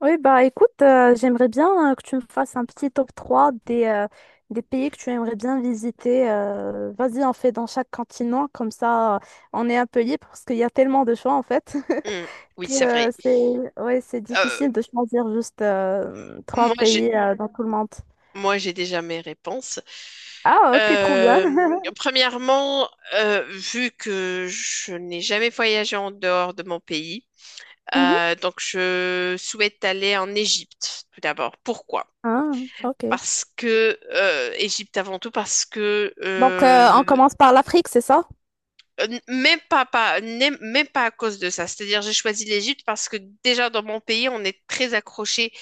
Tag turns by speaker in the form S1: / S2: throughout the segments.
S1: Oui, bah écoute, j'aimerais bien que tu me fasses un petit top 3 des pays que tu aimerais bien visiter. Vas-y, on fait dans chaque continent, comme ça on est un peu libre parce qu'il y a tellement de choix en fait
S2: Hmm, oui,
S1: que
S2: c'est vrai.
S1: c'est ouais, c'est
S2: Euh,
S1: difficile de choisir juste trois
S2: Moi,
S1: pays dans tout le monde.
S2: j'ai déjà mes réponses.
S1: Ah, ok, trop bien.
S2: Euh, Premièrement, vu que je n'ai jamais voyagé en dehors de mon pays,
S1: Mhm.
S2: Donc, je souhaite aller en Égypte tout d'abord. Pourquoi?
S1: Ah, ok.
S2: Parce que Égypte avant tout, parce que
S1: Donc, on
S2: euh,
S1: commence par l'Afrique, c'est ça?
S2: euh, même pas, même pas à cause de ça. C'est-à-dire, j'ai choisi l'Égypte parce que déjà dans mon pays, on est très accroché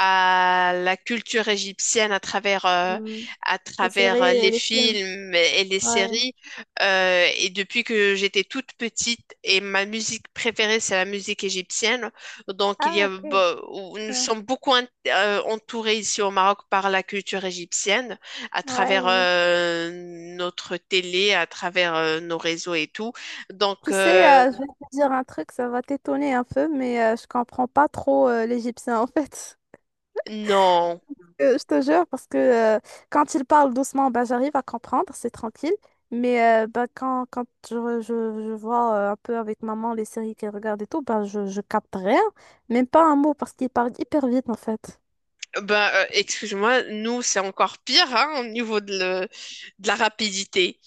S2: à la culture égyptienne à travers,
S1: Mm.
S2: à
S1: Les séries
S2: travers
S1: et
S2: les
S1: les films.
S2: films et les
S1: Ouais.
S2: séries. Et depuis que j'étais toute petite, et ma musique préférée, c'est la musique égyptienne. Donc, il y
S1: Ah,
S2: a,
S1: ok.
S2: bah, où nous sommes beaucoup entourés ici au Maroc par la culture égyptienne, à
S1: Ouais,
S2: travers
S1: ouais.
S2: euh, notre télé, à travers nos réseaux et tout. Donc,
S1: Tu sais, je vais te dire un truc, ça va t'étonner un peu, mais je comprends pas trop l'égyptien en fait.
S2: non.
S1: Je te jure, parce que quand il parle doucement, bah, j'arrive à comprendre, c'est tranquille. Mais bah, quand je vois un peu avec maman les séries qu'elle regarde et tout, bah, je capte rien, même pas un mot, parce qu'il parle hyper vite en fait.
S2: Ben, excuse-moi, nous, c'est encore pire, hein, au niveau de la rapidité.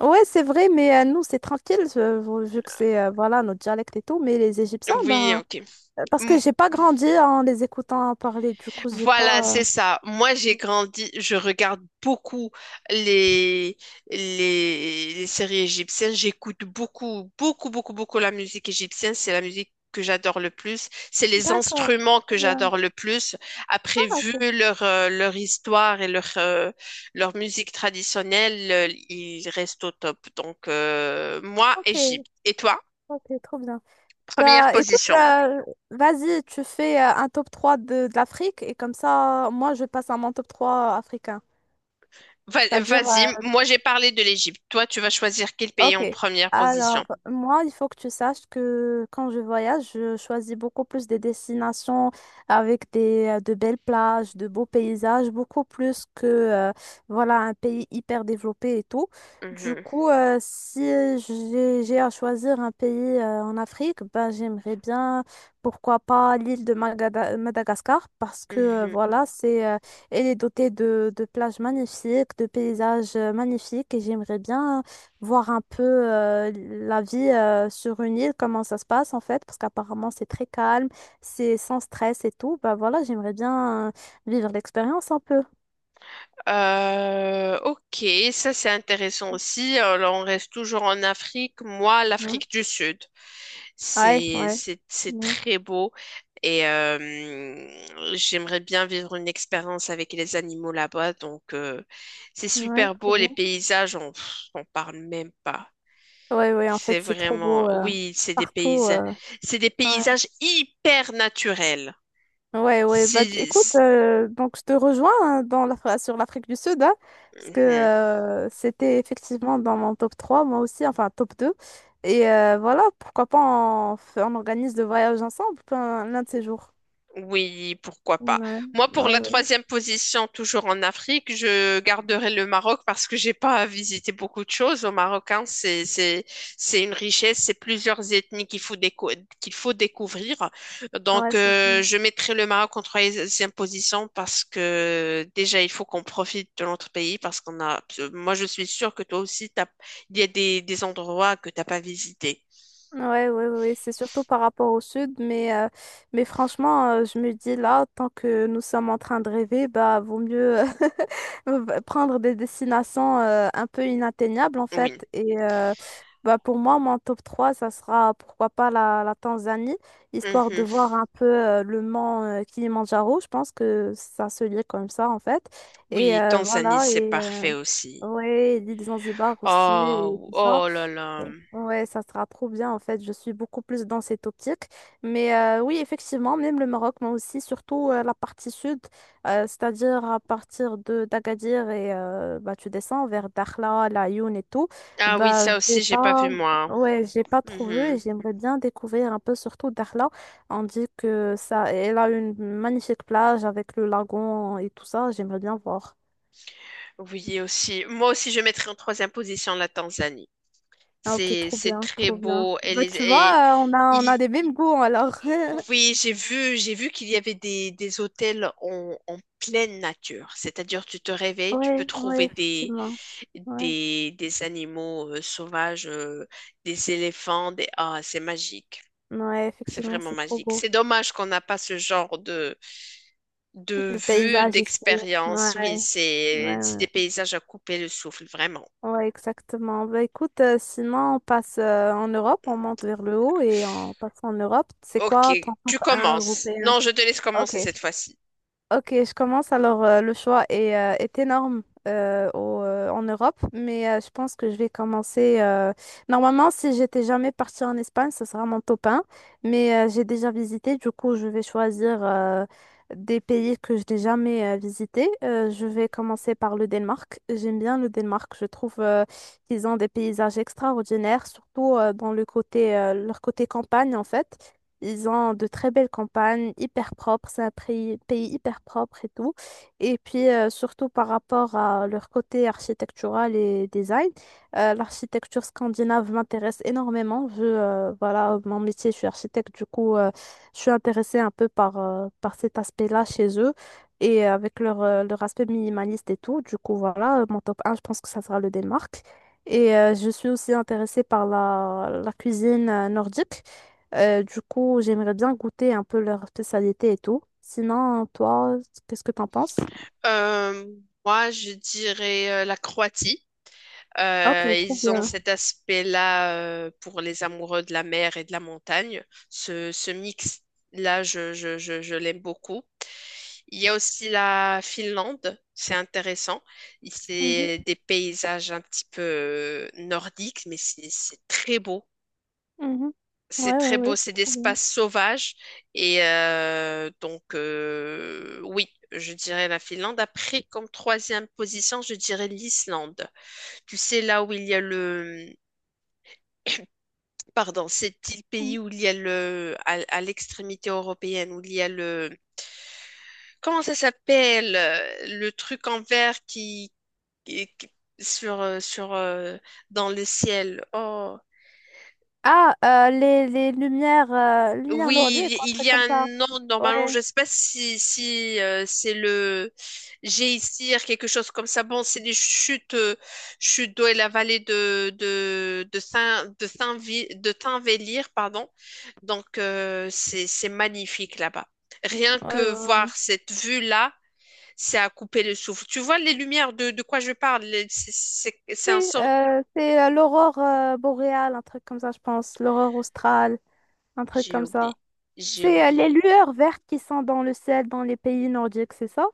S1: Ouais, c'est vrai, mais nous, c'est tranquille, vu que c'est voilà, notre dialecte et tout, mais les Égyptiens,
S2: Oui,
S1: ben,
S2: ok.
S1: parce que
S2: M-
S1: j'ai pas grandi en les écoutant parler, du coup, j'ai
S2: Voilà,
S1: pas.
S2: c'est ça. Moi, j'ai grandi, je regarde beaucoup les, les séries égyptiennes. J'écoute beaucoup, beaucoup, beaucoup, beaucoup la musique égyptienne. C'est la musique que j'adore le plus. C'est les
S1: D'accord.
S2: instruments que
S1: Trop bien.
S2: j'adore le plus. Après,
S1: Ah,
S2: vu
S1: ok.
S2: leur histoire et leur musique traditionnelle, ils restent au top. Donc, moi,
S1: Ok,
S2: Égypte. Et toi,
S1: ok, trop bien.
S2: première
S1: Bah, écoute,
S2: position.
S1: vas-y, tu fais un top 3 de l'Afrique et comme ça, moi, je passe à mon top 3 africain. C'est-à-dire,
S2: Vas-y, moi j'ai parlé de l'Égypte. Toi, tu vas choisir quel pays
S1: ok.
S2: en première
S1: Alors,
S2: position.
S1: moi, il faut que tu saches que quand je voyage, je choisis beaucoup plus des destinations avec de belles plages, de beaux paysages, beaucoup plus que, voilà, un pays hyper développé et tout. Du
S2: Mhm,
S1: coup, si j'ai à choisir un pays, en Afrique, ben, j'aimerais bien, pourquoi pas, l'île de Madagascar, parce que,
S2: mhm.
S1: voilà, elle est dotée de plages magnifiques, de paysages magnifiques, et j'aimerais bien voir un peu la vie sur une île, comment ça se passe en fait, parce qu'apparemment c'est très calme, c'est sans stress et tout. Bah voilà, j'aimerais bien vivre l'expérience un peu.
S2: Ok, ça c'est intéressant aussi. Alors, on reste toujours en Afrique. Moi,
S1: Ouais,
S2: l'Afrique du Sud,
S1: ouais,
S2: c'est
S1: ouais,
S2: c'est
S1: ouais,
S2: très beau et j'aimerais bien vivre une expérience avec les animaux là-bas. Donc, c'est
S1: ouais,
S2: super
S1: trop
S2: beau. Les
S1: bien.
S2: paysages, on, pff, on parle même pas.
S1: Ouais, ouais, en
S2: C'est
S1: fait c'est trop
S2: vraiment,
S1: beau
S2: oui,
S1: partout.
S2: c'est des
S1: Ouais.
S2: paysages hyper naturels.
S1: Ouais, ouais, bah
S2: C'est,
S1: écoute, donc je te rejoins hein, dans sur l'Afrique du Sud, hein, parce que c'était effectivement dans mon top 3 moi aussi, enfin top deux. Et voilà, pourquoi pas on organise le voyage ensemble l'un de ces jours.
S2: oui, pourquoi pas.
S1: Ouais,
S2: Moi, pour
S1: ouais,
S2: la
S1: ouais.
S2: troisième position, toujours en Afrique, je garderai le Maroc parce que j'ai pas visité beaucoup de choses au Maroc, hein. C'est une richesse, c'est plusieurs ethnies qu'il faut qu'il faut découvrir.
S1: Ouais,
S2: Donc,
S1: ça fait.
S2: je mettrai le Maroc en troisième position parce que déjà, il faut qu'on profite de notre pays parce qu'on a. Moi, je suis sûre que toi aussi, il y a des endroits que t'as pas visités.
S1: Ouais, ouais, ouais, c'est surtout par rapport au sud, mais franchement, je me dis là, tant que nous sommes en train de rêver, bah vaut mieux prendre des destinations un peu inatteignables en
S2: Oui.
S1: fait. Et bah, pour moi, mon top 3 ça sera pourquoi pas la Tanzanie, histoire de
S2: Mhm.
S1: voir un peu le mont Kilimandjaro. Je pense que ça se lit comme ça en fait. Et
S2: Oui, Tanzanie,
S1: voilà,
S2: c'est
S1: et
S2: parfait aussi.
S1: ouais, l'île Zanzibar aussi, et
S2: Oh,
S1: tout ça.
S2: oh là là.
S1: Ouais, ça sera trop bien en fait. Je suis beaucoup plus dans cette optique. Mais oui, effectivement, même le Maroc, mais aussi surtout la partie sud, c'est-à-dire à partir de d'Agadir et bah, tu descends vers Dakhla, La Laayoune et tout.
S2: Ah oui,
S1: Bah,
S2: ça
S1: j'ai
S2: aussi, j'ai pas vu
S1: pas,
S2: moi.
S1: ouais, j'ai pas trouvé et
S2: Mhm.
S1: j'aimerais bien découvrir un peu surtout Dakhla. On dit que ça, elle a une magnifique plage avec le lagon et tout ça. J'aimerais bien voir.
S2: Oui, aussi. Moi aussi, je mettrais en troisième position la Tanzanie.
S1: Ah, ok, trop
S2: C'est
S1: bien,
S2: très
S1: trop bien.
S2: beau.
S1: Bah, tu vois, on a, on
S2: Il,
S1: a des mêmes goûts alors.
S2: oui, j'ai vu qu'il y avait des hôtels en, en pleine nature. C'est-à-dire, tu te réveilles, tu peux
S1: Ouais, ouais,
S2: trouver
S1: effectivement. Ouais,
S2: des animaux sauvages, des éléphants, des... Ah, c'est magique.
S1: ouais,
S2: C'est
S1: effectivement,
S2: vraiment
S1: c'est trop
S2: magique.
S1: beau.
S2: C'est dommage qu'on n'a pas ce genre de
S1: Le
S2: vue,
S1: paysage ici.
S2: d'expérience, oui,
S1: Ouais, ouais,
S2: c'est des
S1: ouais,
S2: paysages à couper le souffle, vraiment.
S1: ouais, exactement. Bah écoute, sinon on passe en Europe, on monte vers le haut et on passe en Europe. C'est
S2: Ok,
S1: quoi ton top
S2: tu
S1: un
S2: commences.
S1: européen?
S2: Non, je te laisse commencer
S1: Ok.
S2: cette fois-ci.
S1: Ok, je commence. Alors, le choix est énorme en Europe, mais je pense que je vais commencer. Normalement, si j'étais jamais partie en Espagne, ce sera mon top 1, mais j'ai déjà visité. Du coup, je vais choisir des pays que je n'ai jamais visités. Je vais commencer par le Danemark. J'aime bien le Danemark. Je trouve qu'ils ont des paysages extraordinaires, surtout dans leur côté campagne, en fait. Ils ont de très belles campagnes, hyper propres, c'est un pays hyper propre et tout. Et puis, surtout par rapport à leur côté architectural et design, l'architecture scandinave m'intéresse énormément. Voilà, mon métier, je suis architecte, du coup, je suis intéressée un peu par cet aspect-là chez eux et avec leur aspect minimaliste et tout. Du coup, voilà, mon top un, je pense que ça sera le Danemark. Et je suis aussi intéressée par la cuisine nordique. Du coup, j'aimerais bien goûter un peu leur spécialité et tout. Sinon, toi, qu'est-ce que t'en penses?
S2: Euh, Moi, je dirais la Croatie.
S1: Ok, trop
S2: Ils ont
S1: bien.
S2: cet aspect-là pour les amoureux de la mer et de la montagne. Ce mix-là, je l'aime beaucoup. Il y a aussi la Finlande, c'est intéressant.
S1: Mhm,
S2: C'est des paysages un petit peu nordiques, mais c'est très beau.
S1: mhm.
S2: C'est
S1: Ouais, ouais,
S2: très
S1: ouais,
S2: beau, c'est
S1: c'est trop bien.
S2: d'espace sauvage. Et donc, oui, je dirais la Finlande. Après, comme troisième position, je dirais l'Islande. Tu sais, là où il y a le... Pardon, c'est le
S1: Mhm.
S2: pays où il y a le... À, à l'extrémité européenne, où il y a le... Comment ça s'appelle? Le truc en vert qui... qui- qui- sur, sur, dans le ciel. Oh.
S1: Ah, les lumières lourdes,
S2: Oui,
S1: quoi, un
S2: il
S1: truc
S2: y a
S1: comme
S2: un
S1: ça.
S2: nom normalement.
S1: Ouais,
S2: Je sais pas si, si c'est le Géisir, quelque chose comme ça. Bon, c'est des chutes, chutes d'eau et la vallée de Saint de Saint-Vi- de Tinvellir, pardon. Donc c'est magnifique là-bas. Rien
S1: ouais, ouais.
S2: que
S1: Ouais.
S2: voir cette vue-là, c'est à couper le souffle. Tu vois les lumières de quoi je parle. C'est c'est un
S1: Oui,
S2: sort.
S1: c'est l'aurore boréale, un truc comme ça, je pense. L'aurore australe, un truc
S2: J'ai
S1: comme
S2: oublié.
S1: ça.
S2: J'ai
S1: C'est les
S2: oublié.
S1: lueurs vertes qui sont dans le ciel dans les pays nordiques, c'est ça?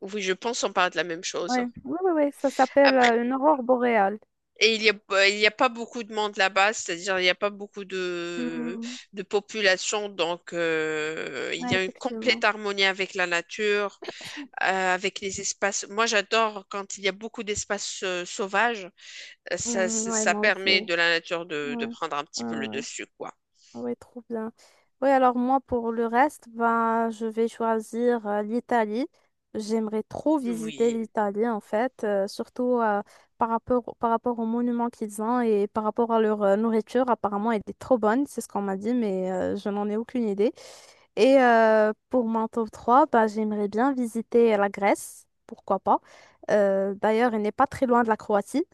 S2: Oui, je pense on parle de la même chose.
S1: Ouais. Oui, oui, oui, ça s'appelle
S2: Après.
S1: une aurore boréale.
S2: Et il y a pas beaucoup de monde là-bas, c'est-à-dire il n'y a pas beaucoup de population, donc il y
S1: Ouais,
S2: a une complète
S1: effectivement.
S2: harmonie avec la nature, avec les espaces. Moi, j'adore quand il y a beaucoup d'espaces sauvages.
S1: Mm, ouais,
S2: Ça
S1: moi aussi.
S2: permet
S1: Ouais.
S2: de la nature de prendre un petit
S1: Ouais,
S2: peu le
S1: ouais.
S2: dessus, quoi.
S1: Ouais, trop bien. Oui alors moi, pour le reste, ben, je vais choisir l'Italie. J'aimerais trop visiter
S2: Oui.
S1: l'Italie, en fait, surtout par rapport aux monuments qu'ils ont et par rapport à leur nourriture. Apparemment, elle est trop bonne, c'est ce qu'on m'a dit, mais je n'en ai aucune idée. Et pour mon top 3 bah, j'aimerais bien visiter la Grèce, pourquoi pas. D'ailleurs, elle n'est pas très loin de la Croatie.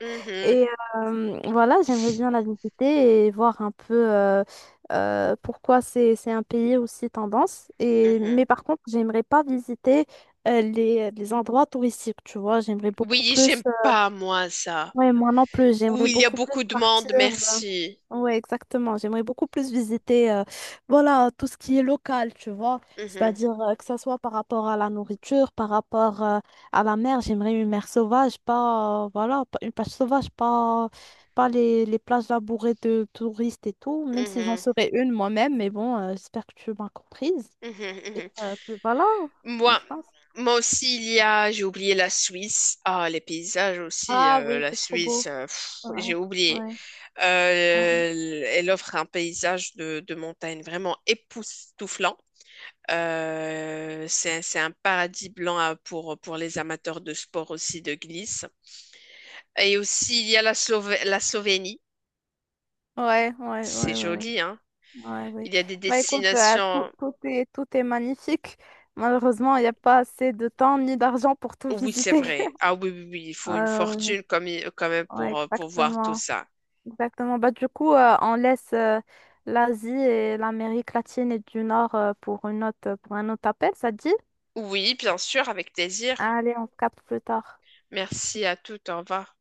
S2: Mhm,
S1: Et voilà, j'aimerais bien la visiter et voir un peu pourquoi c'est un pays aussi tendance.
S2: mhm.
S1: Mais par contre, j'aimerais pas visiter les endroits touristiques, tu vois. J'aimerais beaucoup
S2: Oui,
S1: plus.
S2: j'aime
S1: euh,
S2: pas, moi, ça.
S1: ouais, moi non plus, j'aimerais
S2: Oui, il y a
S1: beaucoup plus
S2: beaucoup de
S1: partir.
S2: monde, merci.
S1: Oui, exactement. J'aimerais beaucoup plus visiter voilà, tout ce qui est local, tu vois.
S2: Mhm,
S1: C'est-à-dire que ça soit par rapport à la nourriture, par rapport à la mer. J'aimerais une mer sauvage, pas, voilà, une plage sauvage, pas les plages labourées de touristes et tout, même si j'en
S2: mhm,
S1: serais une moi-même. Mais bon, j'espère que tu m'as comprise.
S2: mhm,
S1: Et
S2: mhm.
S1: puis voilà,
S2: Moi,
S1: je pense.
S2: Moi aussi, il y a, j'ai oublié la Suisse. Ah, les paysages aussi,
S1: Ah oui,
S2: la
S1: c'est trop
S2: Suisse,
S1: beau.
S2: pff,
S1: Ouais,
S2: j'ai oublié.
S1: ouais, ouais,
S2: Elle offre un paysage de montagne vraiment époustouflant. C'est un paradis blanc pour les amateurs de sport aussi de glisse. Et aussi, il y a la la Slovénie.
S1: ouais, ouais.
S2: C'est
S1: Ouais. Ouais.
S2: joli, hein.
S1: Ouais, oui.
S2: Il y a des
S1: Bah, écoute, tout,
S2: destinations.
S1: tout est, tout est magnifique. Malheureusement, il n'y a pas assez de temps ni d'argent pour tout
S2: Oui, c'est
S1: visiter.
S2: vrai. Ah oui, oui, oui, il faut une
S1: Euh,
S2: fortune comme, quand même
S1: ouais,
S2: pour voir tout
S1: exactement.
S2: ça.
S1: Exactement. Bah, du coup, on laisse l'Asie et l'Amérique latine et du Nord pour un autre appel, ça te dit?
S2: Oui, bien sûr, avec plaisir.
S1: Allez, on se capte plus tard.
S2: Merci à toutes. Au revoir.